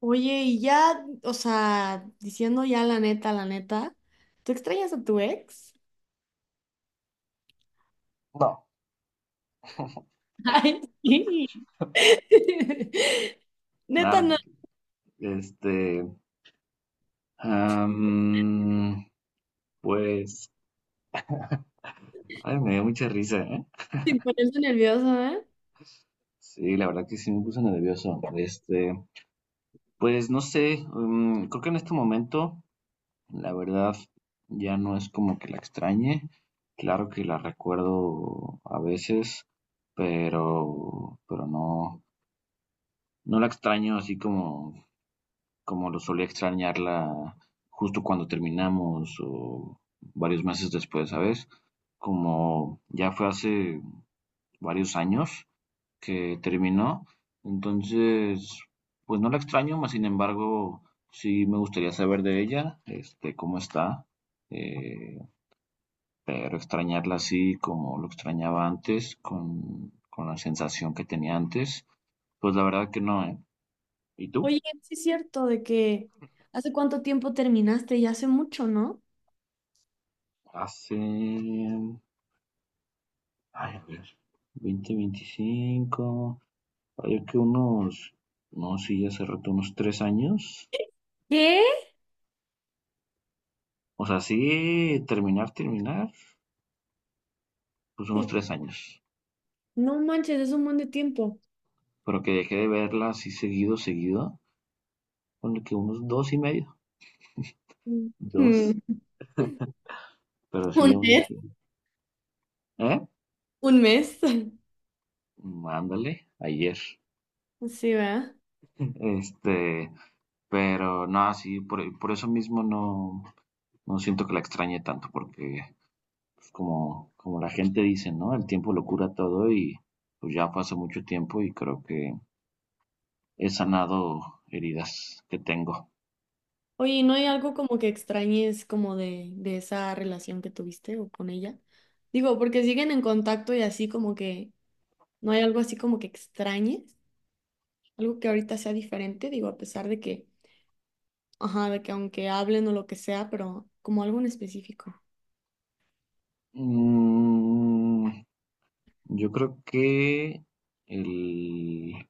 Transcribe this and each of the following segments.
Oye, y ya, o sea, diciendo ya la neta, ¿tú extrañas a tu ex? No, Ay, sí. nada, Neta, no te- no, creo. Este, am, pues, ay, me dio mucha risa, ¿eh? sin ponerse nerviosa, ¿eh? Sí, la verdad que sí me puse nervioso. Pues no sé, creo que en este momento, la verdad, ya no es como que la extrañe. Claro que la recuerdo a veces, pero no, no la extraño así como lo solía extrañarla justo cuando terminamos o varios meses después, ¿sabes? Como ya fue hace varios años que terminó, entonces, pues no la extraño, mas sin embargo, sí me gustaría saber de ella, cómo está, eh, pero extrañarla así como lo extrañaba antes, con la sensación que tenía antes, pues la verdad que no, ¿eh? ¿Y tú? Oye, sí es cierto de que hace cuánto tiempo terminaste, ya hace mucho, ¿no? Hace Ay, a ver, 20, 25, hay que unos, no, sí, hace rato unos 3 años. ¿Qué? O sea, sí, terminar, terminar, pues unos Sí. 3 años. No manches, es un buen de tiempo. Pero que dejé de verla así seguido, seguido, con que unos dos y medio, Mm. dos, pero Mm. sí, Un unos, mes. sí. ¿Eh? Un mes. Ándale, ayer. Sí, ¿verdad? Este, pero no, sí, por eso mismo no, no siento que la extrañe tanto, porque pues como la gente dice, ¿no? El tiempo lo cura todo y pues ya fue hace mucho tiempo y creo que he sanado heridas que tengo. Oye, ¿no hay algo como que extrañes como de esa relación que tuviste o con ella? Digo, porque siguen en contacto y así como que no hay algo así como que extrañes, algo que ahorita sea diferente, digo, a pesar de que, ajá, de que aunque hablen o lo que sea, pero como algo en específico. Mm, yo creo que el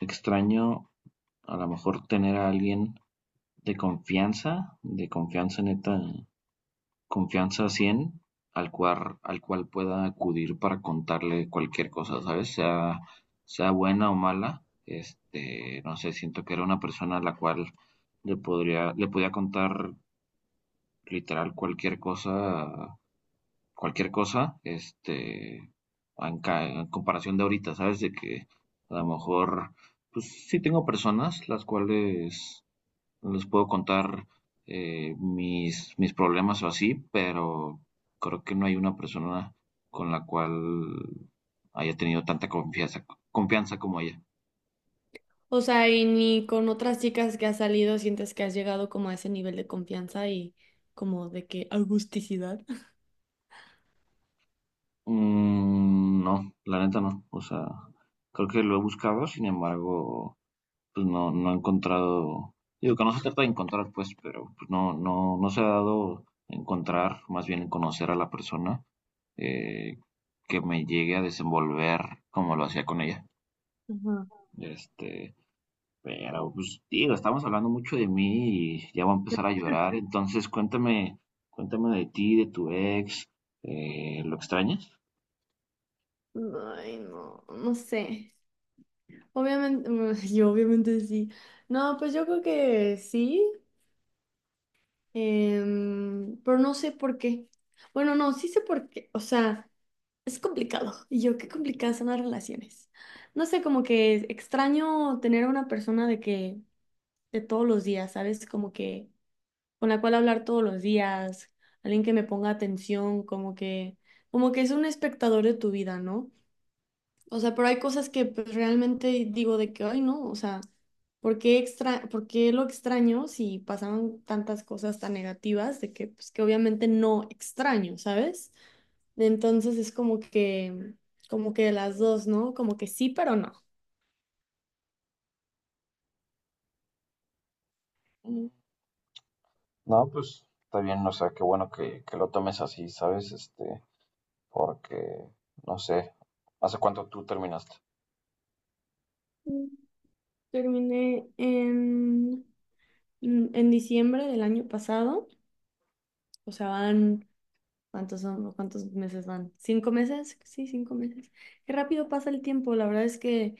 extraño a lo mejor tener a alguien de confianza neta confianza 100 al cual pueda acudir para contarle cualquier cosa, ¿sabes? Sea, sea buena o mala, no sé, siento que era una persona a la cual le podría, le podía contar literal cualquier cosa, en comparación de ahorita, ¿sabes? De que a lo mejor, pues sí tengo personas las cuales les puedo contar mis problemas o así, pero creo que no hay una persona con la cual haya tenido tanta confianza, confianza como ella. O sea, y ni con otras chicas que has salido sientes que has llegado como a ese nivel de confianza y como de que augusticidad. Mm, no, la neta no. O sea, creo que lo he buscado, sin embargo, pues no, no he encontrado. Digo que no se trata de encontrar, pues, pero pues, no, no, no se ha dado encontrar, más bien conocer a la persona eh, que me llegue a desenvolver como lo hacía con ella. Ajá. Este, Pero, pues, digo, estamos hablando mucho de mí y ya voy a empezar a llorar. Entonces, cuéntame, cuéntame de ti, de tu ex. ¿Lo extrañas? Ay, no, no sé. Obviamente, yo obviamente sí. No, pues yo creo que sí, pero no sé por qué. Bueno, no, sí sé por qué. O sea, es complicado. Y yo, qué complicadas son las relaciones. No sé, como que es extraño tener a una persona de que, de todos los días, ¿sabes? Como que con la cual hablar todos los días, alguien que me ponga atención, como que es un espectador de tu vida, ¿no? O sea, pero hay cosas que pues realmente digo de que, ay, no, o sea, ¿por qué lo extraño si pasaban tantas cosas tan negativas de que, pues, que obviamente no extraño, ¿sabes? Entonces es como que las dos, ¿no? Como que sí, pero no. Mm, No, pues está bien, o sea, qué bueno que, lo tomes así, ¿sabes? Porque, no sé, ¿hace cuánto tú terminaste? Mm, terminé en, en diciembre del año pasado, o sea, van, ¿cuántos son? ¿Cuántos meses van? ¿Cinco meses? Sí, cinco meses. Qué rápido pasa el tiempo, la verdad es que...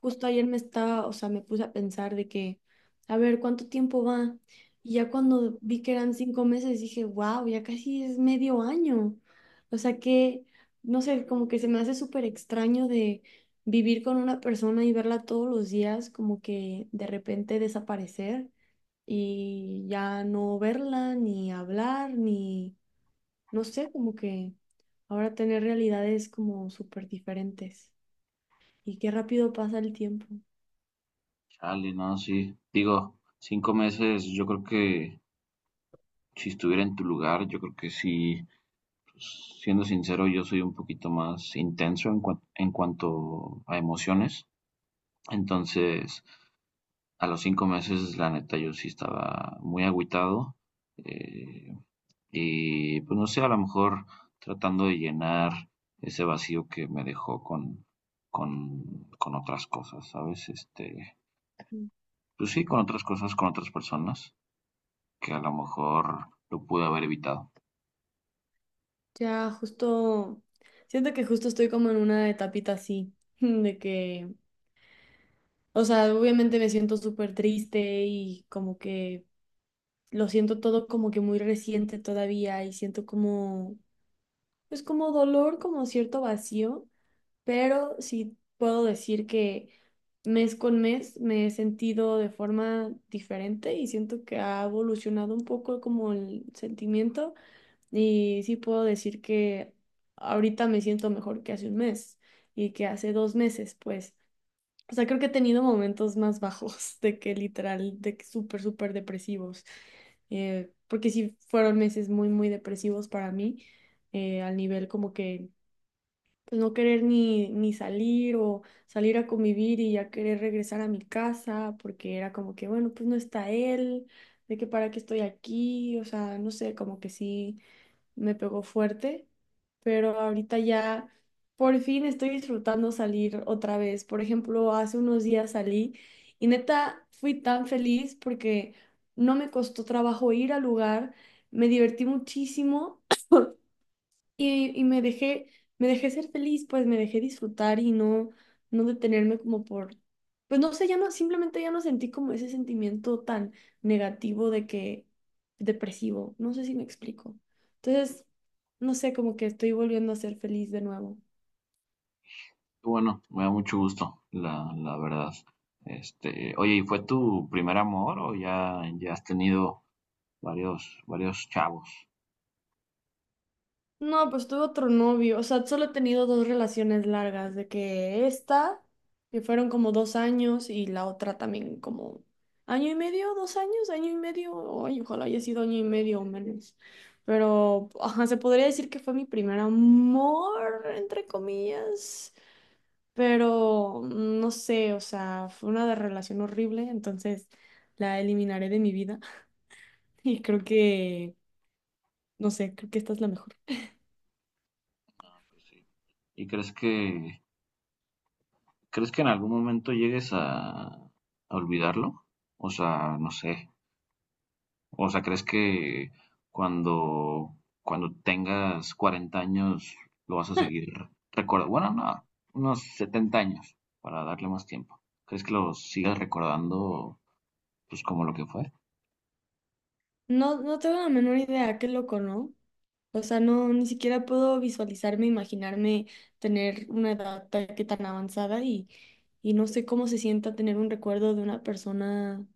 Justo ayer me estaba, o sea, me puse a pensar de que, a ver, ¿cuánto tiempo va? Y ya cuando vi que eran cinco meses, dije, wow, ya casi es medio año. O sea que, no sé, como que se me hace súper extraño de vivir con una persona y verla todos los días, como que de repente desaparecer y ya no verla, ni hablar, ni, no sé, como que ahora tener realidades como súper diferentes. Y qué rápido pasa el tiempo. Chale, no, sí. Digo, 5 meses, yo creo que si estuviera en tu lugar, yo creo que sí. Pues, siendo sincero, yo soy un poquito más intenso en cuanto a emociones. Entonces, a los 5 meses, la neta, yo sí estaba muy agüitado. eh, y pues no sé, a lo mejor tratando de llenar ese vacío que me dejó con otras cosas, ¿sabes? Pues sí, con otras cosas, con otras personas, que a lo mejor lo pude haber evitado. Ya, justo, siento que justo estoy como en una etapita así, de que, o sea, obviamente me siento súper triste y como que lo siento todo como que muy reciente todavía y siento como, pues como dolor, como cierto vacío, pero sí puedo decir que mes con mes me he sentido de forma diferente y siento que ha evolucionado un poco como el sentimiento. Y sí puedo decir que ahorita me siento mejor que hace un mes y que hace dos meses, pues. O sea, creo que he tenido momentos más bajos de que literal, de que súper, súper depresivos. Porque sí fueron meses muy, muy depresivos para mí, al nivel como que pues, no querer ni salir o salir a convivir y ya querer regresar a mi casa, porque era como que, bueno, pues no está él, de que para qué estoy aquí, o sea, no sé, como que sí me pegó fuerte, pero ahorita ya por fin estoy disfrutando salir otra vez. Por ejemplo, hace unos días salí y neta fui tan feliz porque no me costó trabajo ir al lugar, me divertí muchísimo. Y me dejé ser feliz, pues me dejé disfrutar y no, no detenerme como por, pues no sé, ya no, simplemente ya no sentí como ese sentimiento tan negativo de que, depresivo, no sé si me explico. Entonces, no sé, como que estoy volviendo a ser feliz de nuevo. Bueno, me da mucho gusto, la verdad. Oye, ¿y fue tu primer amor o ya, ya has tenido varios, varios chavos? No, pues tuve otro novio, o sea, solo he tenido dos relaciones largas, de que esta, que fueron como dos años, y la otra también como año y medio, dos años, año y medio, ay, ojalá haya sido año y medio o menos. Pero, ajá, se podría decir que fue mi primer amor, entre comillas, pero no sé, o sea, relación horrible, entonces la eliminaré de mi vida y creo que, no sé, creo que esta es la mejor. Pues sí. ¿Y crees que en algún momento llegues a olvidarlo? O sea, no sé. O sea, ¿crees que cuando cuando tengas 40 años lo vas a seguir recordando? Bueno, no, unos 70 años para darle más tiempo. ¿Crees que lo sigas recordando pues como lo que fue? No, no tengo la menor idea, qué loco, ¿no? O sea, no, ni siquiera puedo visualizarme, imaginarme tener que tan avanzada y no sé cómo se sienta tener un recuerdo de una persona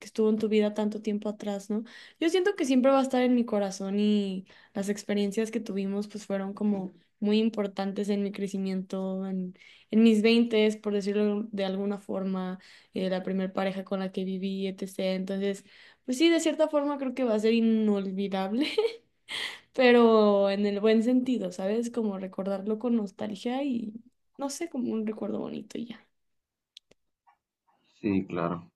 que estuvo en tu vida tanto tiempo atrás, ¿no? Yo siento que siempre va a estar en mi corazón y las experiencias que tuvimos pues fueron como muy importantes en mi crecimiento, en mis veintes, por decirlo de alguna forma, la primer pareja con la que viví, etcétera. Entonces, pues sí, de cierta forma creo que va a ser inolvidable, pero en el buen sentido, ¿sabes? Como recordarlo con nostalgia y no sé, como un recuerdo bonito y ya. Sí, claro.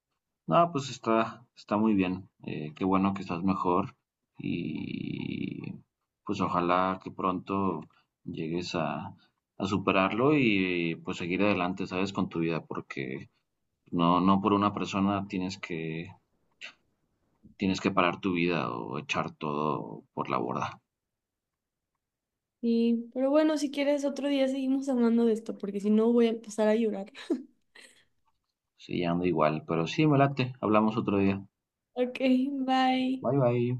No, pues está muy bien. Qué bueno que estás mejor y pues ojalá que pronto llegues a superarlo y pues seguir adelante, ¿sabes? Con tu vida, porque no, no por una persona tienes que parar tu vida o echar todo por la borda. Sí, pero bueno, si quieres otro día seguimos hablando de esto, porque si no voy a empezar a llorar. Sí, ando igual, pero sí, me late. Hablamos otro día. Ok, bye. Bye, bye.